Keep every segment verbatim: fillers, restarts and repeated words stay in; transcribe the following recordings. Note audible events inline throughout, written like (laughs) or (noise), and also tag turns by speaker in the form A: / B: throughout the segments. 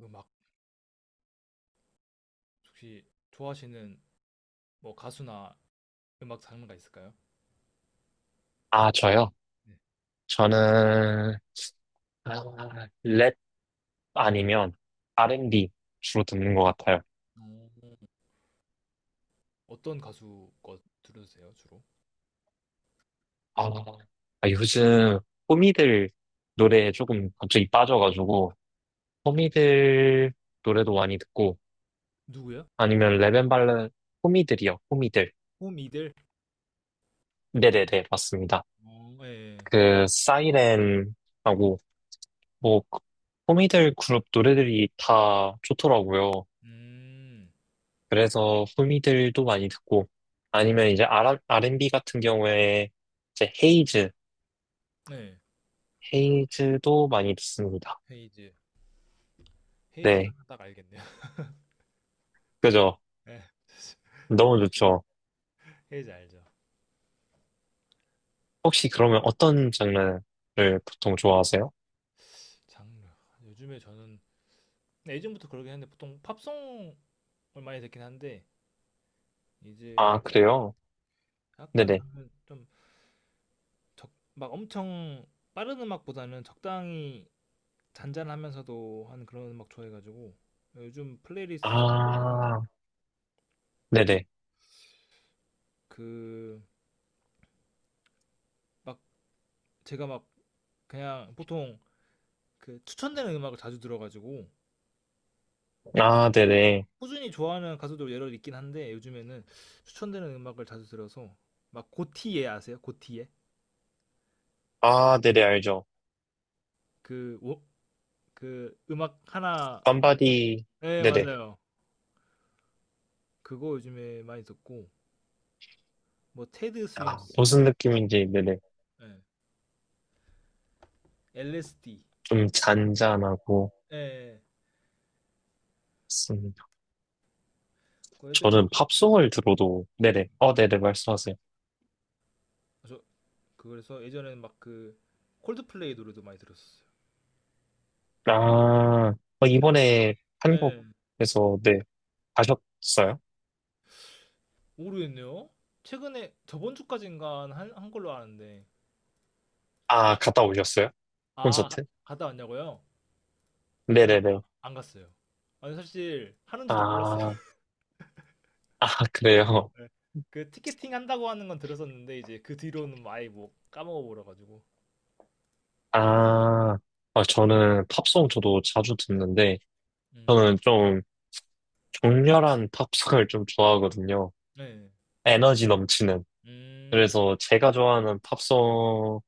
A: 음악 혹시 좋아하시는 뭐 가수나 음악 장르가 있을까요?
B: 아, 저요?
A: 네.
B: 저는, 아, 랩 아니면 알앤비 주로 듣는 것 같아요.
A: 어, 어떤 가수 거 들으세요, 주로?
B: 아, 아, 요즘 호미들 노래에 조금 갑자기 빠져가지고, 호미들 노래도 많이 듣고,
A: 누구요?
B: 아니면 랩앤발레, 호미들이요, 호미들.
A: 호미들?
B: 네네네, 맞습니다.
A: 어, 예, 예.
B: 그, 사이렌하고, 뭐, 그, 호미들 그룹 노래들이 다 좋더라고요.
A: 음,
B: 그래서 후미들도 많이 듣고, 아니면 이제 R, 알앤비 같은 경우에 이제 헤이즈,
A: 네.
B: 헤이즈도 많이 듣습니다.
A: 헤이즈. 헤이즈
B: 네,
A: 하나 딱 알겠네요. (laughs)
B: 그죠?
A: 예.
B: 너무 좋죠.
A: 헤이즈 알죠.
B: 혹시 그러면 어떤 장르를 보통 좋아하세요?
A: 장르. 요즘에 저는 근데 예전부터 그러긴 했는데 보통 팝송을 많이 듣긴 한데 이제
B: 아, 그래요?
A: 약간
B: 네네.
A: 저는 좀 적, 막 엄청 빠른 음악보다는 적당히 잔잔하면서도 한 그런 음악 좋아해가지고 요즘 플레이리스트를 보면은
B: 아, 네네.
A: 그 막 제가 막 그냥 보통 그 추천되는 음악을 자주 들어가지고
B: 아, 네네.
A: 꾸준히 좋아하는 가수도 여러 있긴 한데 요즘에는 추천되는 음악을 자주 들어서 막 고티예 아세요? 고티예?
B: 아, 네네, 알죠.
A: 그, 오- 그 음악 하나
B: 밤바디,
A: 네
B: 네네.
A: 맞아요 그거 요즘에 많이 듣고 뭐 테드
B: 아,
A: 스윙스 막
B: 무슨 느낌인지, 네네.
A: 예. 엘에스디
B: 좀 잔잔하고,
A: 예. 예.
B: 음,
A: 그 예전에
B: 저는 팝송을 들어도, 네네. 어, 네네, 말씀하세요.
A: 저 그래서 예전에는 막 그 콜드플레이 노래도 많이 들었었어요.
B: 아, 어,
A: 최근-
B: 이번에
A: 예,
B: 한국에서, 네, 가셨어요?
A: 모르겠네요. 최근에 저번 주까지인가 한, 한 걸로 아는데
B: 아, 갔다 오셨어요?
A: 아 가-
B: 콘서트?
A: 갔다 왔냐고요? 아니
B: 네네네.
A: 안 갔어요. 아니 사실 하는지도 몰랐어요.
B: 아,
A: (laughs)
B: 아, 그래요?
A: 예. 그 티켓팅 한다고 하는 건 들었었는데 이제 그 뒤로는 뭐 아예 뭐 까먹어 버려 가지고.
B: 아, 아, 저는 팝송 저도 자주 듣는데,
A: 음,
B: 저는 좀 격렬한 팝송을 좀 좋아하거든요.
A: 네.
B: 에너지 넘치는.
A: 음,
B: 그래서 제가 좋아하는 팝송,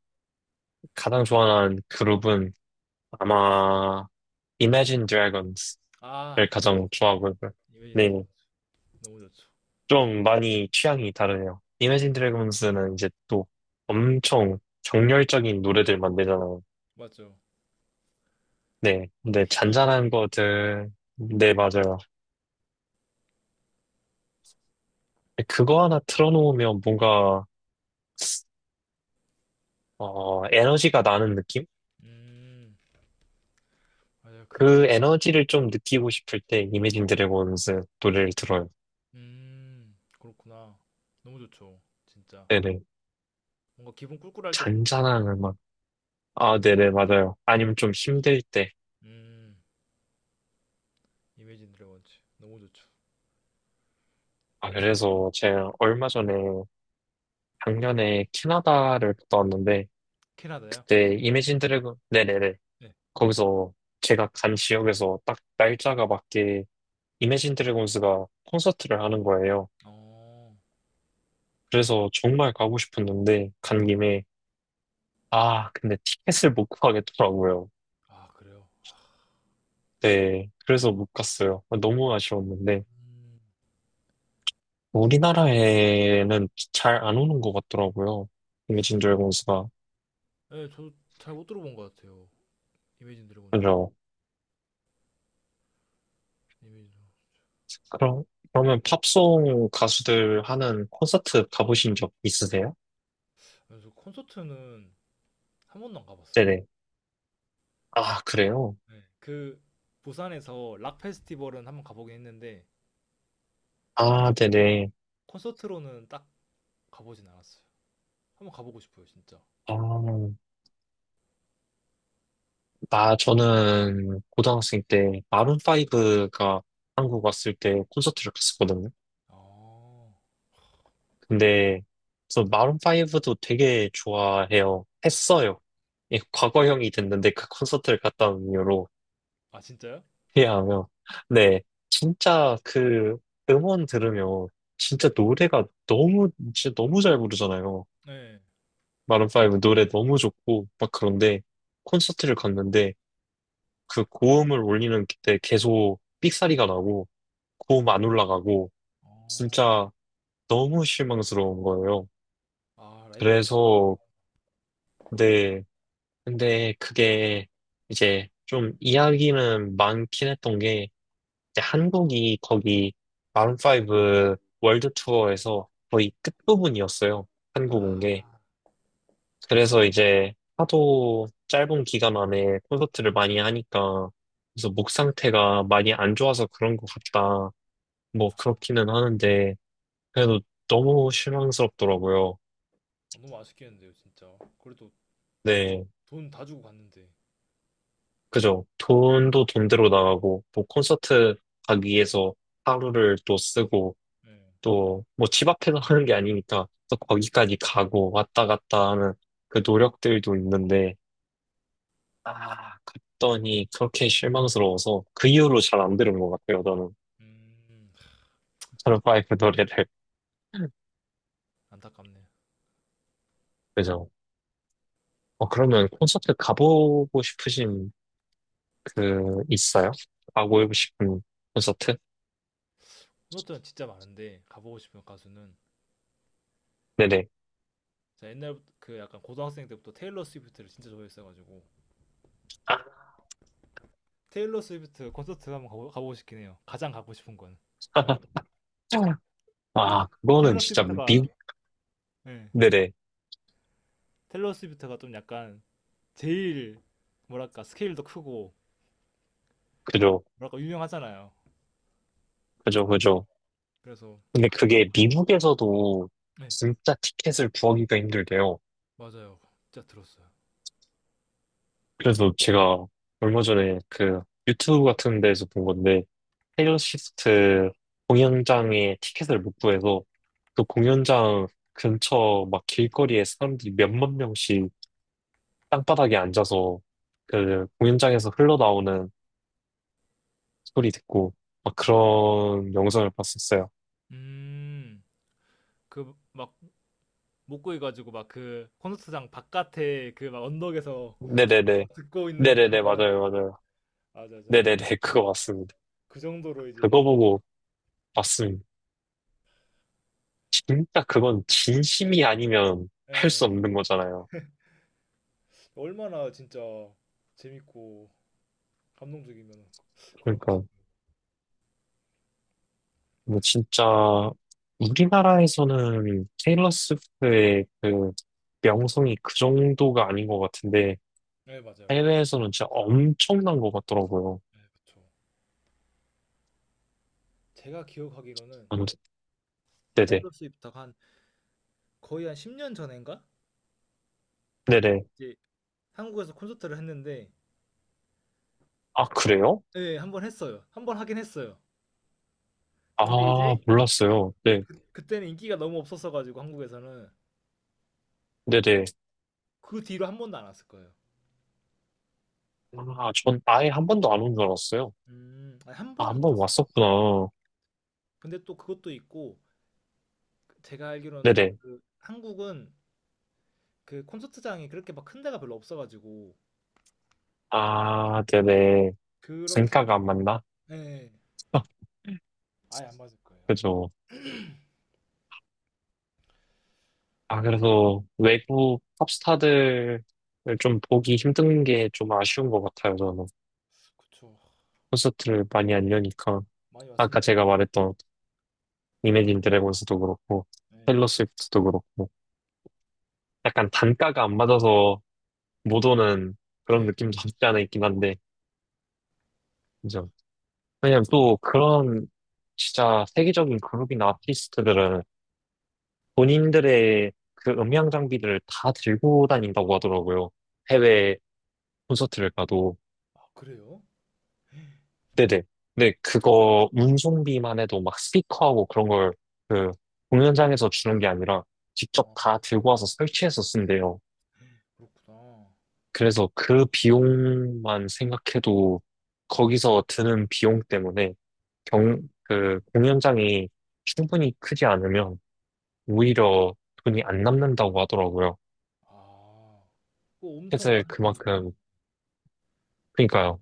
B: 가장 좋아하는 그룹은 아마 Imagine Dragons를
A: 아,
B: 가장 좋아하고요.
A: 이벤
B: 네.
A: 트 너무 좋죠.
B: 좀 많이 취향이 다르네요. 이매진 드래곤스는 이제 또 엄청 정열적인 노래들만 내잖아요.
A: 맞죠.
B: 네,
A: 그
B: 근데
A: 힘이 있죠.
B: 잔잔한 것들, 네, 맞아요. 그거 하나 틀어놓으면 뭔가, 어, 에너지가 나는 느낌?
A: 음, 맞아요. 그
B: 그 에너지를 좀 느끼고 싶을 때 이매진 드래곤스 노래를 들어요.
A: 음. 그렇구나. 너무 좋죠. 진짜.
B: 네네.
A: 뭔가 기분 꿀꿀할 때 들어도
B: 잔잔한
A: 좋아요.
B: 음악. 아, 네네, 맞아요. 아니면 좀 힘들 때.
A: 음. Imagine Dragons 너무 좋죠.
B: 아, 그래서 제가 얼마 전에 작년에 캐나다를 갔다 왔는데,
A: 캐나다요?
B: 그때 이매진 드래곤 네네네
A: 네.
B: 거기서 제가 간 지역에서 딱 날짜가 맞게 이매진 드래곤스가 콘서트를 하는 거예요.
A: 어.
B: 그래서 정말 가고 싶었는데 간 김에 아 근데 티켓을 못 구하겠더라고요.
A: 아 그래요?
B: 네 그래서 못 갔어요. 너무 아쉬웠는데
A: 음. 진짜 음.
B: 우리나라에는 잘 안 오는 것 같더라고요. 이매진 드래곤스가
A: 예 저도 잘 못 들어본 것 같아요. Imagine Dragons는.
B: 그죠? 그럼 그러면 팝송 가수들 하는 콘서트 가보신 적 있으세요?
A: 그래서 콘서트는 한 번도 안 가 봤어요.
B: 네네. 아, 그래요?
A: 네. 그 부산에서 락 페스티벌은 한번 가 보긴 했는데
B: 아, 네네.
A: 콘서트로는 딱 가 보진 않았어요. 한번 가 보고 싶어요 진짜.
B: 아, 나, 저는 고등학생 때 마룬파이브가 한국 왔을 때 콘서트를 갔었거든요.
A: 아.
B: 근데, 저 마룬파이브도 되게 좋아해요. 했어요. 예, 과거형이 됐는데 그 콘서트를 갔다 온 이유로
A: 아 진짜요?
B: 이해하면, 네. 진짜 그 음원 들으면 진짜 노래가 너무, 진짜 너무 잘 부르잖아요.
A: 네
B: 마룬파이브 노래 너무 좋고, 막 그런데 콘서트를 갔는데, 그 고음을 올리는 때 계속 삑사리가 나고 고음 안 올라가고
A: 어,
B: 진짜 너무 실망스러운 거예요.
A: 아 라이브가
B: 그래서 근데 근데 그게 이제 좀 이야기는 많긴 했던 게 이제 한국이 거기 마룬파이브 월드 투어에서 거의 끝부분이었어요. 한국 온 게.
A: 아,
B: 그래서 이제 하도 짧은 기간 안에 콘서트를 많이 하니까 그래서 목 상태가 많이 안 좋아서 그런 것 같다. 뭐
A: 아,
B: 그렇기는 하는데 그래도 너무 실망스럽더라고요.
A: 너무 아쉽겠는데요 진짜 그래도
B: 네,
A: 돈 다 주고 갔는데
B: 그죠. 돈도 돈대로 나가고 뭐 콘서트 가기 위해서 하루를 또 쓰고
A: 예
B: 또 뭐 집 앞에서 하는 게 아니니까 또
A: 그쵸.
B: 거기까지 가고 왔다 갔다 하는 그 노력들도 있는데 아 갔더니 그렇게 실망스러워서 그 이후로 잘 안 들은 것 같아요. 저는
A: 음
B: 저는 파이브 노래를
A: 안타깝네
B: 그죠. 어, 그러면 콘서트 가보고 싶으신 그, 있어요? 가고 싶은 콘서트?
A: 콘서트는 진짜 많은데 가보고 싶은 가수는
B: 네네.
A: 제가 옛날 그 약간 고등학생 때부터 테일러 스위프트를 진짜 좋아했어가지고
B: 아,
A: 테일러 스위프트 콘서트 한번 가보, 가보고 싶긴 해요 가장 가고 싶은 건
B: 아,
A: 솔직히
B: 그거는
A: 테일러 어,
B: 진짜
A: 스위프트가
B: 미,
A: 예
B: 네네.
A: 테일러 스위프트가 좀 약간 제일 뭐랄까 스케일도 크고
B: 그죠,
A: 뭐랄까 유명하잖아요
B: 그죠, 그죠.
A: 그래서
B: 근데 그게 미국에서도
A: 네
B: 진짜 티켓을 구하기가 힘들대요.
A: 맞아요 진짜 들었어요
B: 그래서 제가 얼마 전에 그 유튜브 같은 데서 본 건데, 테일러 스위프트 공연장에 티켓을 못 구해서 그 공연장 근처 막 길거리에 사람들이 몇만 명씩 땅바닥에 앉아서 그 공연장에서 흘러나오는 소리 듣고 막 그런 영상을 봤었어요.
A: 음, 그 막 목구이 가지고 막 그 콘서트장 바깥에 그 막 언덕에서
B: 네네네.
A: 막 듣고 있는 그런
B: 네네네,
A: 거야.
B: 맞아요, 맞아요.
A: 맞아, 맞아.
B: 네네네, (laughs) 그거
A: 맞아.
B: 맞습니다.
A: 그 정도로 이제
B: 그거 보고 봤습니다. 진짜 그건 진심이 아니면 할
A: 예,
B: 수 없는 거잖아요.
A: 얼마나 진짜 재밌고 감동적이면 그럴 것
B: 그러니까,
A: 싶어요.
B: 뭐 진짜, 우리나라에서는 테일러 스위프트의 그 명성이 그 정도가 아닌 것 같은데,
A: 네, 맞아요, 맞아요.
B: 해외에서는 진짜 엄청난 것 같더라고요.
A: 네, 그쵸. 제가 기억하기로는
B: 아무튼, 네네.
A: 테일러 스위프트가 한 거의 한 십 년 전인가?
B: 네네.
A: 이제 한국에서 콘서트를 했는데
B: 아, 그래요?
A: 예, 한 번 했어요. 한 번 하긴 했어요.
B: 아,
A: 근데 이제
B: 몰랐어요. 네.
A: 그때는 인기가 너무 없었어가지고 한국에서는
B: 네네.
A: 그 뒤로 한 번도 안 왔을 거예요.
B: 아, 전 아예 한 번도 안 온 줄 알았어요.
A: 음. 아니, 한
B: 아,
A: 번은
B: 한 번
A: 갔었어요. 음.
B: 왔었구나.
A: 근데 또 그것도 있고 그 제가 알기로는 또
B: 네네.
A: 그 한국은 그 콘서트장이 그렇게 막 큰 데가 별로 없어가지고
B: 아, 네네.
A: 그렇게
B: 생가가
A: 막
B: 안 맞나?
A: 예. 예.
B: (laughs)
A: 아예 안 맞을 거예요. 아마.
B: 그죠. 아, 그래서 외국 팝스타들을 좀 보기 힘든 게 좀 아쉬운 것 같아요, 저는.
A: 그쵸.
B: 콘서트를 많이 안 여니까.
A: 많이 왔으면
B: 아까 제가 말했던 이매진 드래곤스도 그렇고,
A: 예.
B: 테일러 스위프트도 그렇고, 약간 단가가 안 맞아서 못 오는 그런
A: 예.
B: 느낌도 없지 않아 있긴 한데, 그죠. 왜냐면 또 그런 진짜 세계적인 그룹이나 아티스트들은 본인들의 그 음향 장비들을 다 들고 다닌다고 하더라고요. 해외 콘서트를 가도.
A: 아, 그래요?
B: 네네. 근데 그거 운송비만 해도 막 스피커하고 그런 걸 그 공연장에서 주는 게 아니라 직접
A: 아,
B: 다 들고 와서 설치해서 쓴대요.
A: 그렇구나.
B: 그래서 그 비용만 생각해도 거기서 드는 비용 때문에 경, 그 공연장이 충분히 크지 않으면 오히려 돈이 안 남는다고 하더라고요.
A: 아. 그거 엄청
B: 폐쇄
A: 많을 텐데.
B: 그만큼, 그러니까요.